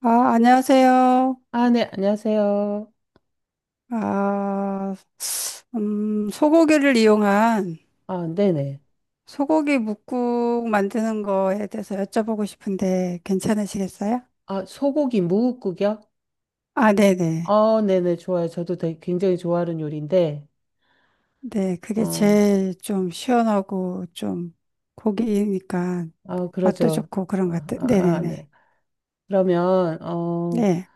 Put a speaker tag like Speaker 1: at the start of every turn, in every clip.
Speaker 1: 아, 안녕하세요.
Speaker 2: 아, 네, 안녕하세요.
Speaker 1: 아, 소고기를 이용한
Speaker 2: 아, 네네.
Speaker 1: 소고기 뭇국 만드는 거에 대해서 여쭤보고 싶은데 괜찮으시겠어요?
Speaker 2: 아, 소고기 무국국이요?
Speaker 1: 아, 네네.
Speaker 2: 네네, 좋아요. 저도 되게 굉장히 좋아하는 요리인데,
Speaker 1: 네, 그게
Speaker 2: 어,
Speaker 1: 제일 좀 시원하고 좀 고기니까
Speaker 2: 아,
Speaker 1: 맛도
Speaker 2: 그러죠.
Speaker 1: 좋고 그런 것
Speaker 2: 아,
Speaker 1: 같아요.
Speaker 2: 아, 아,
Speaker 1: 네네네.
Speaker 2: 네. 그러면,
Speaker 1: 네.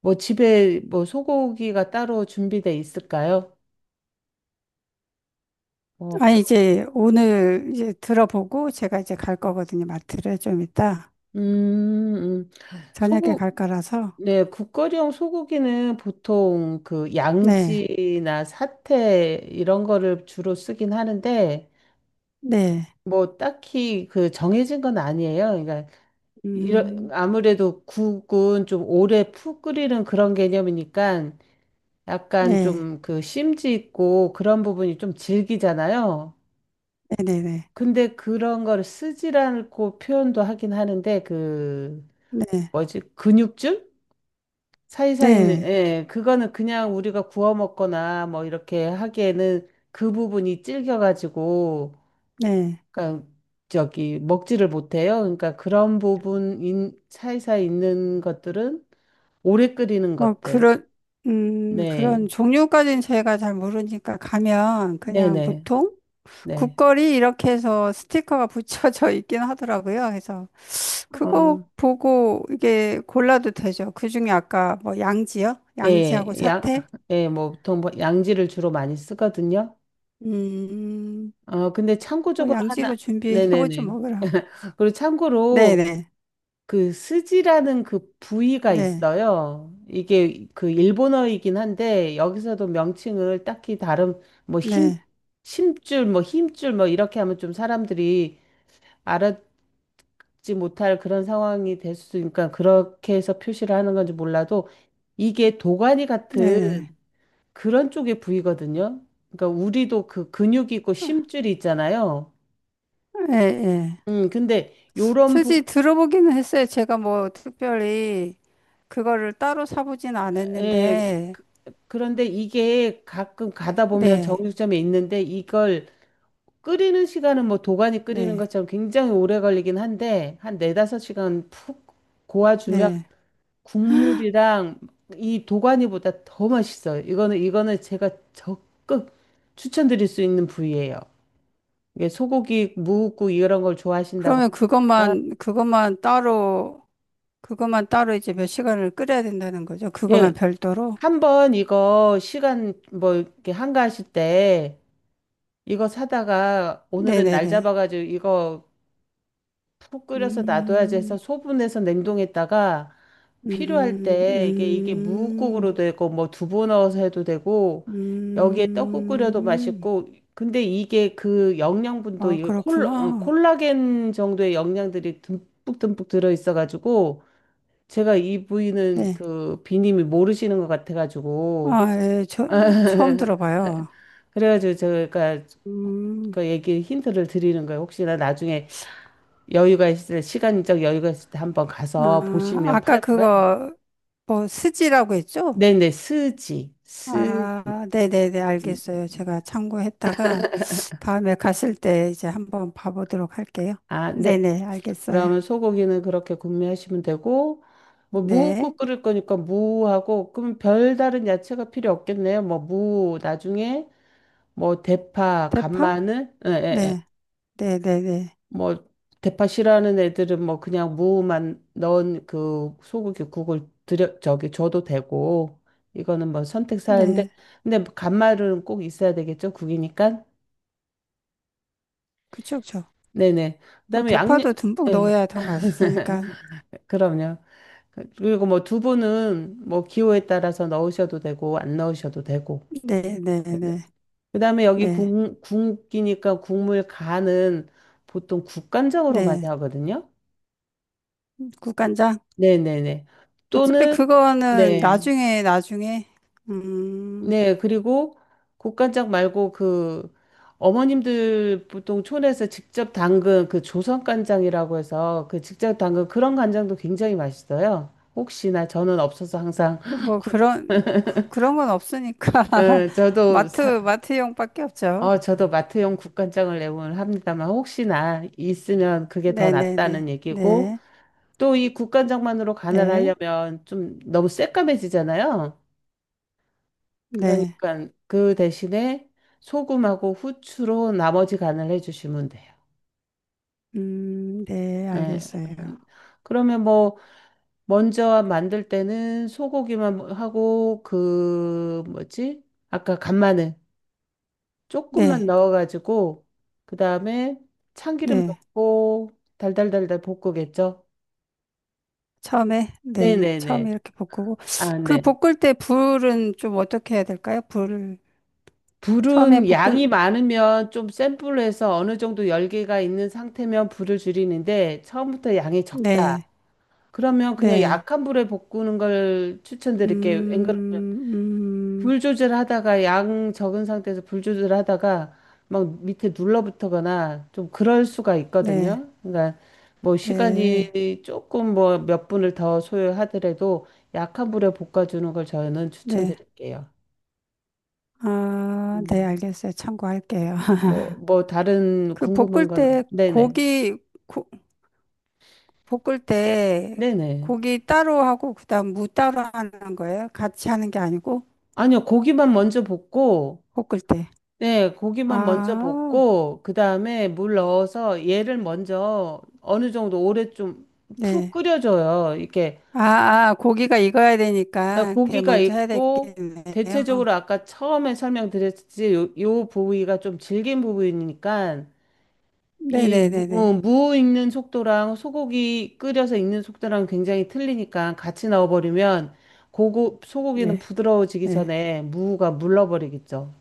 Speaker 2: 뭐 집에 뭐 소고기가 따로 준비돼 있을까요? 어,
Speaker 1: 아,
Speaker 2: 표-
Speaker 1: 이제 오늘 이제 들어보고 제가 이제 갈 거거든요. 마트를 좀 이따
Speaker 2: 음, 음.
Speaker 1: 저녁에
Speaker 2: 소고,
Speaker 1: 갈 거라서.
Speaker 2: 네, 국거리용 소고기는 보통 그
Speaker 1: 네.
Speaker 2: 양지나 사태 이런 거를 주로 쓰긴 하는데,
Speaker 1: 네.
Speaker 2: 뭐 딱히 그 정해진 건 아니에요. 그러니까
Speaker 1: 음,
Speaker 2: 아무래도 국은 좀 오래 푹 끓이는 그런 개념이니까 약간
Speaker 1: 네.
Speaker 2: 좀 그 심지 있고 그런 부분이 좀 질기잖아요.
Speaker 1: 네네네.
Speaker 2: 근데 그런 걸 쓰지 않고 표현도 하긴 하는데 그
Speaker 1: 네,
Speaker 2: 뭐지? 근육줄? 사이사이 있는
Speaker 1: 네,
Speaker 2: 예, 그거는 그냥 우리가 구워 먹거나 뭐 이렇게 하기에는 그 부분이 질겨 가지고
Speaker 1: 네.
Speaker 2: 그러니까 저기 먹지를 못해요. 그러니까 그런 부분 사이사이 있는 것들은 오래 끓이는
Speaker 1: 뭐
Speaker 2: 것들.
Speaker 1: 그런 그런
Speaker 2: 네.
Speaker 1: 종류까지는 저희가 잘 모르니까 가면 그냥
Speaker 2: 네네.
Speaker 1: 보통
Speaker 2: 네.
Speaker 1: 국거리 이렇게 해서 스티커가 붙여져 있긴 하더라고요. 그래서 그거
Speaker 2: 어,
Speaker 1: 보고 이게 골라도 되죠. 그중에 아까 뭐 양지요?
Speaker 2: 예,
Speaker 1: 양지하고 사태?
Speaker 2: 예, 뭐, 보통 뭐 양지를 주로 많이 쓰거든요.
Speaker 1: 음,
Speaker 2: 근데
Speaker 1: 뭐
Speaker 2: 참고적으로
Speaker 1: 양지로 준비해보죠
Speaker 2: 네네네.
Speaker 1: 뭐 그럼.
Speaker 2: 그리고
Speaker 1: 네,
Speaker 2: 참고로
Speaker 1: 네,
Speaker 2: 그 스지라는 그 부위가
Speaker 1: 네,
Speaker 2: 있어요. 이게 그 일본어이긴 한데, 여기서도 명칭을 딱히 뭐,
Speaker 1: 네,
Speaker 2: 심줄, 뭐, 힘줄, 뭐, 이렇게 하면 좀 사람들이 알아, 지 못할 그런 상황이 될 수 있으니까 그렇게 해서 표시를 하는 건지 몰라도 이게 도가니 같은
Speaker 1: 네,
Speaker 2: 그런 쪽의 부위거든요. 그러니까 우리도 그 근육이 있고 심줄이 있잖아요.
Speaker 1: 네, 네, 네.
Speaker 2: 음, 근데 요런 부,
Speaker 1: 수지 들어보기는 했어요. 제가 뭐 특별히 그거를 따로 사보진
Speaker 2: 에,
Speaker 1: 않았는데,
Speaker 2: 그런데 이게 가끔 가다 보면
Speaker 1: 네,
Speaker 2: 정육점에 있는데 이걸 끓이는 시간은 뭐 도가니 끓이는
Speaker 1: 네,
Speaker 2: 것처럼 굉장히 오래 걸리긴 한데 한 4~5시간 푹 고아주면
Speaker 1: 네.
Speaker 2: 국물이랑 이 도가니보다 더 맛있어요. 이거는 제가 적극 추천드릴 수 있는 부위예요. 이게 소고기, 무국 이런 걸 좋아하신다고
Speaker 1: 그러면
Speaker 2: 하면
Speaker 1: 그것만 따로 이제 몇 시간을 끓여야 된다는 거죠. 그것만
Speaker 2: 예,
Speaker 1: 별도로.
Speaker 2: 한번 이거 시간 뭐 이렇게 한가하실 때 이거 사다가 오늘은 날
Speaker 1: 네네네.
Speaker 2: 잡아가지고 이거 푹 끓여서 놔둬야지 해서
Speaker 1: 음,
Speaker 2: 소분해서 냉동했다가 필요할
Speaker 1: 음,
Speaker 2: 때 이게
Speaker 1: 음,
Speaker 2: 무국으로 되고 뭐 두부 넣어서 해도 되고 여기에 떡국 끓여도
Speaker 1: 음.
Speaker 2: 맛있고 근데 이게 그 영양분도
Speaker 1: 아,
Speaker 2: 이게
Speaker 1: 그렇구나.
Speaker 2: 콜라겐 정도의 영양들이 듬뿍 듬뿍 들어 있어 가지고 제가 이 부위는
Speaker 1: 네.
Speaker 2: 그 비님이 모르시는 것 같아 가지고
Speaker 1: 아, 예, 저, 처음 들어봐요.
Speaker 2: 그래가지고 제가
Speaker 1: 음.
Speaker 2: 그 얘기 힌트를 드리는 거예요. 혹시나 나중에 여유가 있을 때, 시간적 여유가 있을 때 한번 가서
Speaker 1: 아,
Speaker 2: 보시면
Speaker 1: 아까
Speaker 2: 팔 거예요.
Speaker 1: 그거 뭐 스지라고 했죠?
Speaker 2: 네네, 스지, 스지.
Speaker 1: 아, 네네네,
Speaker 2: 음.
Speaker 1: 알겠어요. 제가 참고했다가 다음에 갔을 때 이제 한번 봐보도록 할게요.
Speaker 2: 아, 네.
Speaker 1: 네네, 알겠어요.
Speaker 2: 그러면 소고기는 그렇게 구매하시면 되고, 뭐, 무국
Speaker 1: 네.
Speaker 2: 끓일 거니까 무하고, 그럼 별다른 야채가 필요 없겠네요. 뭐, 무, 나중에, 뭐, 대파,
Speaker 1: 대파?
Speaker 2: 간마늘, 예, 예, 예.
Speaker 1: 네. 네 네네.
Speaker 2: 뭐, 대파 싫어하는 애들은 뭐, 그냥 무만 넣은 그 소고기 국을 줘도 되고, 이거는 뭐 선택 사항인데,
Speaker 1: 네.
Speaker 2: 근데 간마늘은 꼭 있어야 되겠죠, 국이니까?
Speaker 1: 그쵸, 그쵸.
Speaker 2: 네네.
Speaker 1: 뭐
Speaker 2: 그다음에
Speaker 1: 대파도 듬뿍
Speaker 2: 예,
Speaker 1: 넣어야 더 맛있으니까.
Speaker 2: 그럼요. 그리고 뭐 두부는 뭐 기호에 따라서 넣으셔도 되고 안 넣으셔도 되고.
Speaker 1: 네네네.
Speaker 2: 그다음에 여기
Speaker 1: 네.
Speaker 2: 국이니까 국물 간은 보통 국간장으로 많이
Speaker 1: 네.
Speaker 2: 하거든요.
Speaker 1: 국간장?
Speaker 2: 네네네.
Speaker 1: 어차피
Speaker 2: 또는
Speaker 1: 그거는
Speaker 2: 네.
Speaker 1: 나중에, 나중에. 음.
Speaker 2: 네. 그리고 국간장 말고 그 어머님들 보통 촌에서 직접 담근 그 조선간장이라고 해서 그 직접 담근 그런 간장도 굉장히 맛있어요. 혹시나 저는 없어서 항상
Speaker 1: 뭐
Speaker 2: 국,
Speaker 1: 그런 그런 건 없으니까
Speaker 2: 예,
Speaker 1: 마트용밖에 없죠.
Speaker 2: 저도 마트용 국간장을 내보면 합니다만 혹시나 있으면 그게 더
Speaker 1: 네네네
Speaker 2: 낫다는 얘기고
Speaker 1: 네
Speaker 2: 또 이 국간장만으로
Speaker 1: 네
Speaker 2: 간을
Speaker 1: 네
Speaker 2: 하려면 좀 너무 새까매지잖아요. 그러니까 그 대신에 소금하고 후추로 나머지 간을 해주시면 돼요.
Speaker 1: 네
Speaker 2: 예.
Speaker 1: 알겠어요.
Speaker 2: 음. 그러면 뭐 먼저 만들 때는 소고기만 하고 그 뭐지? 아까 간마늘 조금만
Speaker 1: 네네
Speaker 2: 넣어가지고 그 다음에 참기름 넣고 달달달달 볶으겠죠?
Speaker 1: 처음에 네
Speaker 2: 네네네.
Speaker 1: 처음에 이렇게 볶고
Speaker 2: 아,
Speaker 1: 그
Speaker 2: 네.
Speaker 1: 볶을 때 불은 좀 어떻게 해야 될까요? 불을 처음에
Speaker 2: 불은 양이
Speaker 1: 볶을
Speaker 2: 많으면 좀 센 불로 해서 어느 정도 열기가 있는 상태면 불을 줄이는데 처음부터 양이 적다. 그러면 그냥 약한 불에 볶는 걸 추천드릴게요. 앵그러 불 조절하다가 양 적은 상태에서 불 조절하다가 막 밑에 눌러붙거나 좀 그럴 수가
Speaker 1: 네네음음네네네아네
Speaker 2: 있거든요. 그러니까 뭐 시간이 조금 뭐 몇 분을 더 소요하더라도 약한 불에 볶아주는 걸 저는 추천드릴게요. 음.
Speaker 1: 알겠어요. 참고할게요.
Speaker 2: 뭐, 다른
Speaker 1: 그
Speaker 2: 궁금한
Speaker 1: 볶을
Speaker 2: 건
Speaker 1: 때
Speaker 2: 네네.
Speaker 1: 고기 고, 볶을 때
Speaker 2: 네네.
Speaker 1: 고기 따로 하고 그다음 무 따로 하는 거예요? 같이 하는 게 아니고
Speaker 2: 아니요, 고기만 먼저 볶고
Speaker 1: 볶을 때.
Speaker 2: 네, 고기만 먼저
Speaker 1: 아,
Speaker 2: 볶고 그다음에 물 넣어서 얘를 먼저 어느 정도 오래 좀 푹
Speaker 1: 네.
Speaker 2: 끓여줘요. 이렇게
Speaker 1: 아, 아, 고기가 익어야 되니까 그게
Speaker 2: 고기가
Speaker 1: 먼저 해야
Speaker 2: 있고
Speaker 1: 되겠네요.
Speaker 2: 대체적으로 아까 처음에 설명드렸듯이 요 부위가 좀 질긴 부위니까
Speaker 1: 네네네네.
Speaker 2: 무 익는 속도랑 소고기 끓여서 익는 속도랑 굉장히 틀리니까 같이 넣어버리면 소고기는
Speaker 1: 네,
Speaker 2: 부드러워지기
Speaker 1: 네.
Speaker 2: 전에 무가 물러버리겠죠.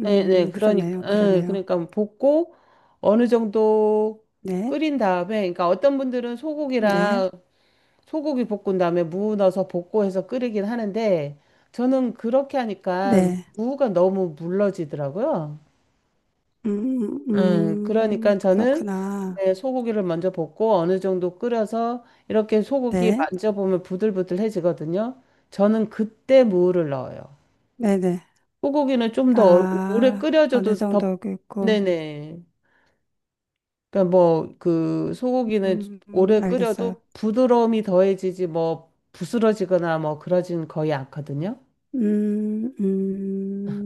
Speaker 2: 네, 네, 그러니까,
Speaker 1: 그러네요,
Speaker 2: 예,
Speaker 1: 그러네요.
Speaker 2: 그러니까 뭐 볶고 어느 정도
Speaker 1: 네,
Speaker 2: 끓인 다음에, 그러니까 어떤 분들은
Speaker 1: 네,
Speaker 2: 소고기 볶은 다음에 무 넣어서 볶고 해서 끓이긴 하는데, 저는 그렇게 하니까
Speaker 1: 네.
Speaker 2: 무가 너무 물러지더라고요. 그러니까 저는
Speaker 1: 그렇구나.
Speaker 2: 네, 소고기를 먼저 볶고 어느 정도 끓여서 이렇게 소고기
Speaker 1: 네,
Speaker 2: 만져보면 부들부들해지거든요. 저는 그때 무를 넣어요.
Speaker 1: 네네.
Speaker 2: 소고기는 좀 더 오래
Speaker 1: 아, 어느
Speaker 2: 끓여줘도 더,
Speaker 1: 정도 있고.
Speaker 2: 네네. 그러니까 뭐 그 소고기는 오래
Speaker 1: 알겠어요.
Speaker 2: 끓여도 부드러움이 더해지지 뭐 부스러지거나 뭐 그러진 거의 않거든요.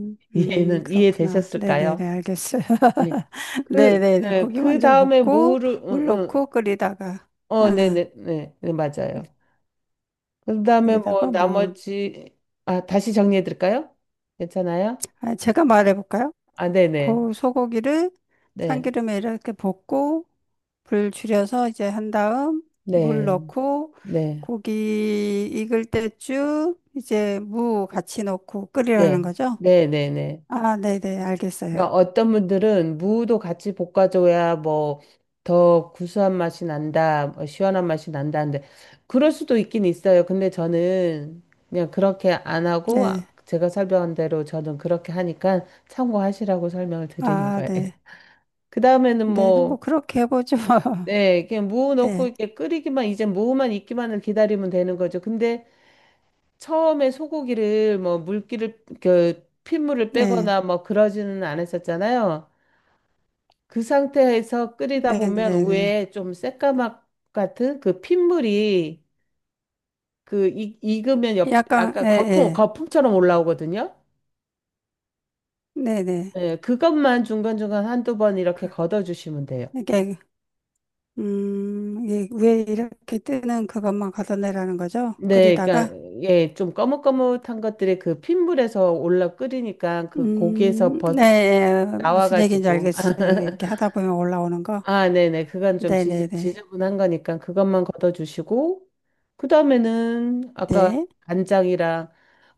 Speaker 2: 이해는
Speaker 1: 그렇구나. 네네네,
Speaker 2: 이해되셨을까요?
Speaker 1: 알겠어요.
Speaker 2: 네.
Speaker 1: 네네네,
Speaker 2: 네,
Speaker 1: 고기
Speaker 2: 그
Speaker 1: 먼저
Speaker 2: 다음에
Speaker 1: 볶고,
Speaker 2: 무를, 응,
Speaker 1: 물
Speaker 2: 응.
Speaker 1: 넣고 끓이다가,
Speaker 2: 네네,
Speaker 1: 아,
Speaker 2: 네, 네, 네, 맞아요.
Speaker 1: 끓-
Speaker 2: 그 다음에 뭐
Speaker 1: 끓이다가, 뭐,
Speaker 2: 아, 다시 정리해 드릴까요? 괜찮아요?
Speaker 1: 아, 제가 말해볼까요?
Speaker 2: 아, 네네,
Speaker 1: 고 소고기를
Speaker 2: 네,
Speaker 1: 참기름에 이렇게 볶고, 불 줄여서 이제 한 다음, 물
Speaker 2: 네,
Speaker 1: 넣고,
Speaker 2: 네,
Speaker 1: 고기 익을 때쯤, 이제 무 같이 넣고
Speaker 2: 네,
Speaker 1: 끓이라는 거죠?
Speaker 2: 네, 네, 네, 네.
Speaker 1: 아, 네 네, 알겠어요.
Speaker 2: 그러니까 어떤 분들은 무도 같이 볶아줘야 뭐 더 구수한 맛이 난다, 뭐 시원한 맛이 난다는데 그럴 수도 있긴 있어요. 근데 저는 그냥 그렇게 안 하고 아,
Speaker 1: 네.
Speaker 2: 제가 설명한 대로 저는 그렇게 하니까 참고하시라고 설명을 드리는
Speaker 1: 아,
Speaker 2: 거예요.
Speaker 1: 네.
Speaker 2: 그 다음에는
Speaker 1: 네, 네, 뭐,
Speaker 2: 뭐,
Speaker 1: 그렇게 해보죠.
Speaker 2: 네, 그냥 무 넣고
Speaker 1: 네,
Speaker 2: 이렇게 끓이기만 이제 무만 익기만을 기다리면 되는 거죠. 근데 처음에 소고기를 뭐 물기를 그 핏물을
Speaker 1: 네,
Speaker 2: 빼거나 뭐 그러지는 않았었잖아요. 그 상태에서 끓이다
Speaker 1: 네, 네,
Speaker 2: 보면
Speaker 1: 네.
Speaker 2: 위에 좀 새까맣 같은 그 핏물이 그 익으면
Speaker 1: 약간, 예,
Speaker 2: 아까 거품,
Speaker 1: 예.
Speaker 2: 거품처럼 올라오거든요.
Speaker 1: 네, 네.
Speaker 2: 예, 그것만 중간중간 1~2번 이렇게
Speaker 1: 그,
Speaker 2: 걷어주시면 돼요.
Speaker 1: 이게, 이게 위에 이렇게 뜨는 그것만 걷어내라는 거죠?
Speaker 2: 네, 그러니까
Speaker 1: 끓이다가?
Speaker 2: 예, 좀 거뭇거뭇한 것들이 그 핏물에서 올라 끓이니까 그 고기에서
Speaker 1: 네, 예. 무슨 얘기인지
Speaker 2: 나와가지고
Speaker 1: 알겠어요. 이렇게 하다 보면 올라오는 거.
Speaker 2: 아, 네네. 그건 좀
Speaker 1: 네, 네,
Speaker 2: 지,
Speaker 1: 네.
Speaker 2: 지저분한 거니까 그것만 걷어주시고, 그 다음에는 아까
Speaker 1: 네,
Speaker 2: 간장이랑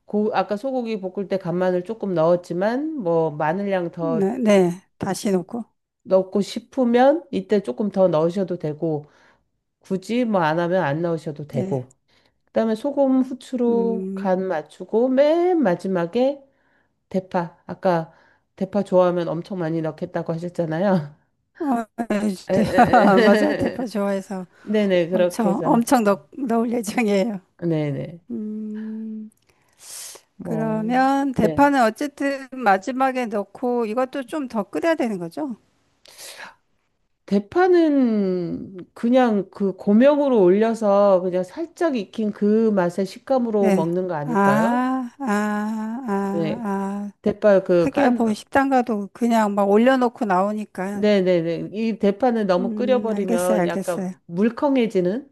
Speaker 2: 아까 소고기 볶을 때 간마늘 조금 넣었지만 뭐 마늘량 더
Speaker 1: 네, 네. 다시 놓고.
Speaker 2: 넣고 싶으면 이때 조금 더 넣으셔도 되고 굳이 뭐 안 하면 안 넣으셔도
Speaker 1: 네,
Speaker 2: 되고 그다음에 소금 후추로
Speaker 1: 음,
Speaker 2: 간 맞추고 맨 마지막에 대파 아까 대파 좋아하면 엄청 많이 넣겠다고 하셨잖아요.
Speaker 1: 어,
Speaker 2: 에, 에,
Speaker 1: 맞아요. 대파
Speaker 2: 에.
Speaker 1: 좋아해서
Speaker 2: 네네 그렇게
Speaker 1: 엄청,
Speaker 2: 해서
Speaker 1: 엄청 넣을 예정이에요.
Speaker 2: 네네
Speaker 1: 음,
Speaker 2: 뭐
Speaker 1: 그러면
Speaker 2: 네.
Speaker 1: 대파는 어쨌든 마지막에 넣고 이것도 좀 더 끓여야 되는 거죠?
Speaker 2: 대파는 그냥 그 고명으로 올려서 그냥 살짝 익힌 그 맛의 식감으로
Speaker 1: 네.
Speaker 2: 먹는 거 아닐까요?
Speaker 1: 아, 아, 아,
Speaker 2: 네.
Speaker 1: 아.
Speaker 2: 대파 그
Speaker 1: 하기야 뭐
Speaker 2: 깐,
Speaker 1: 식당 가도 그냥 막 올려놓고 나오니까.
Speaker 2: 네네네. 이 대파는 너무
Speaker 1: 알겠어요,
Speaker 2: 끓여버리면 약간
Speaker 1: 알겠어요.
Speaker 2: 물컹해지는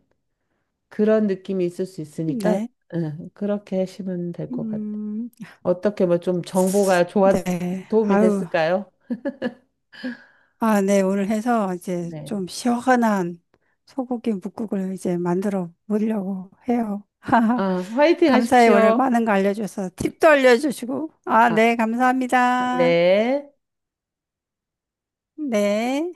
Speaker 2: 그런 느낌이 있을 수 있으니까,
Speaker 1: 네.
Speaker 2: 예, 그렇게 하시면 될 것 같아요.
Speaker 1: 음,
Speaker 2: 어떻게 뭐 좀
Speaker 1: 네.
Speaker 2: 도움이
Speaker 1: 아유,
Speaker 2: 됐을까요?
Speaker 1: 아, 네. 오늘 해서 이제
Speaker 2: 네.
Speaker 1: 좀 시원한 소고기 뭇국을 이제 만들어 보려고 해요.
Speaker 2: 아, 화이팅
Speaker 1: 감사해. 오늘
Speaker 2: 하십시오.
Speaker 1: 많은 거 알려줘서 팁도 알려주시고. 아,
Speaker 2: 아,
Speaker 1: 네, 감사합니다.
Speaker 2: 네.
Speaker 1: 네.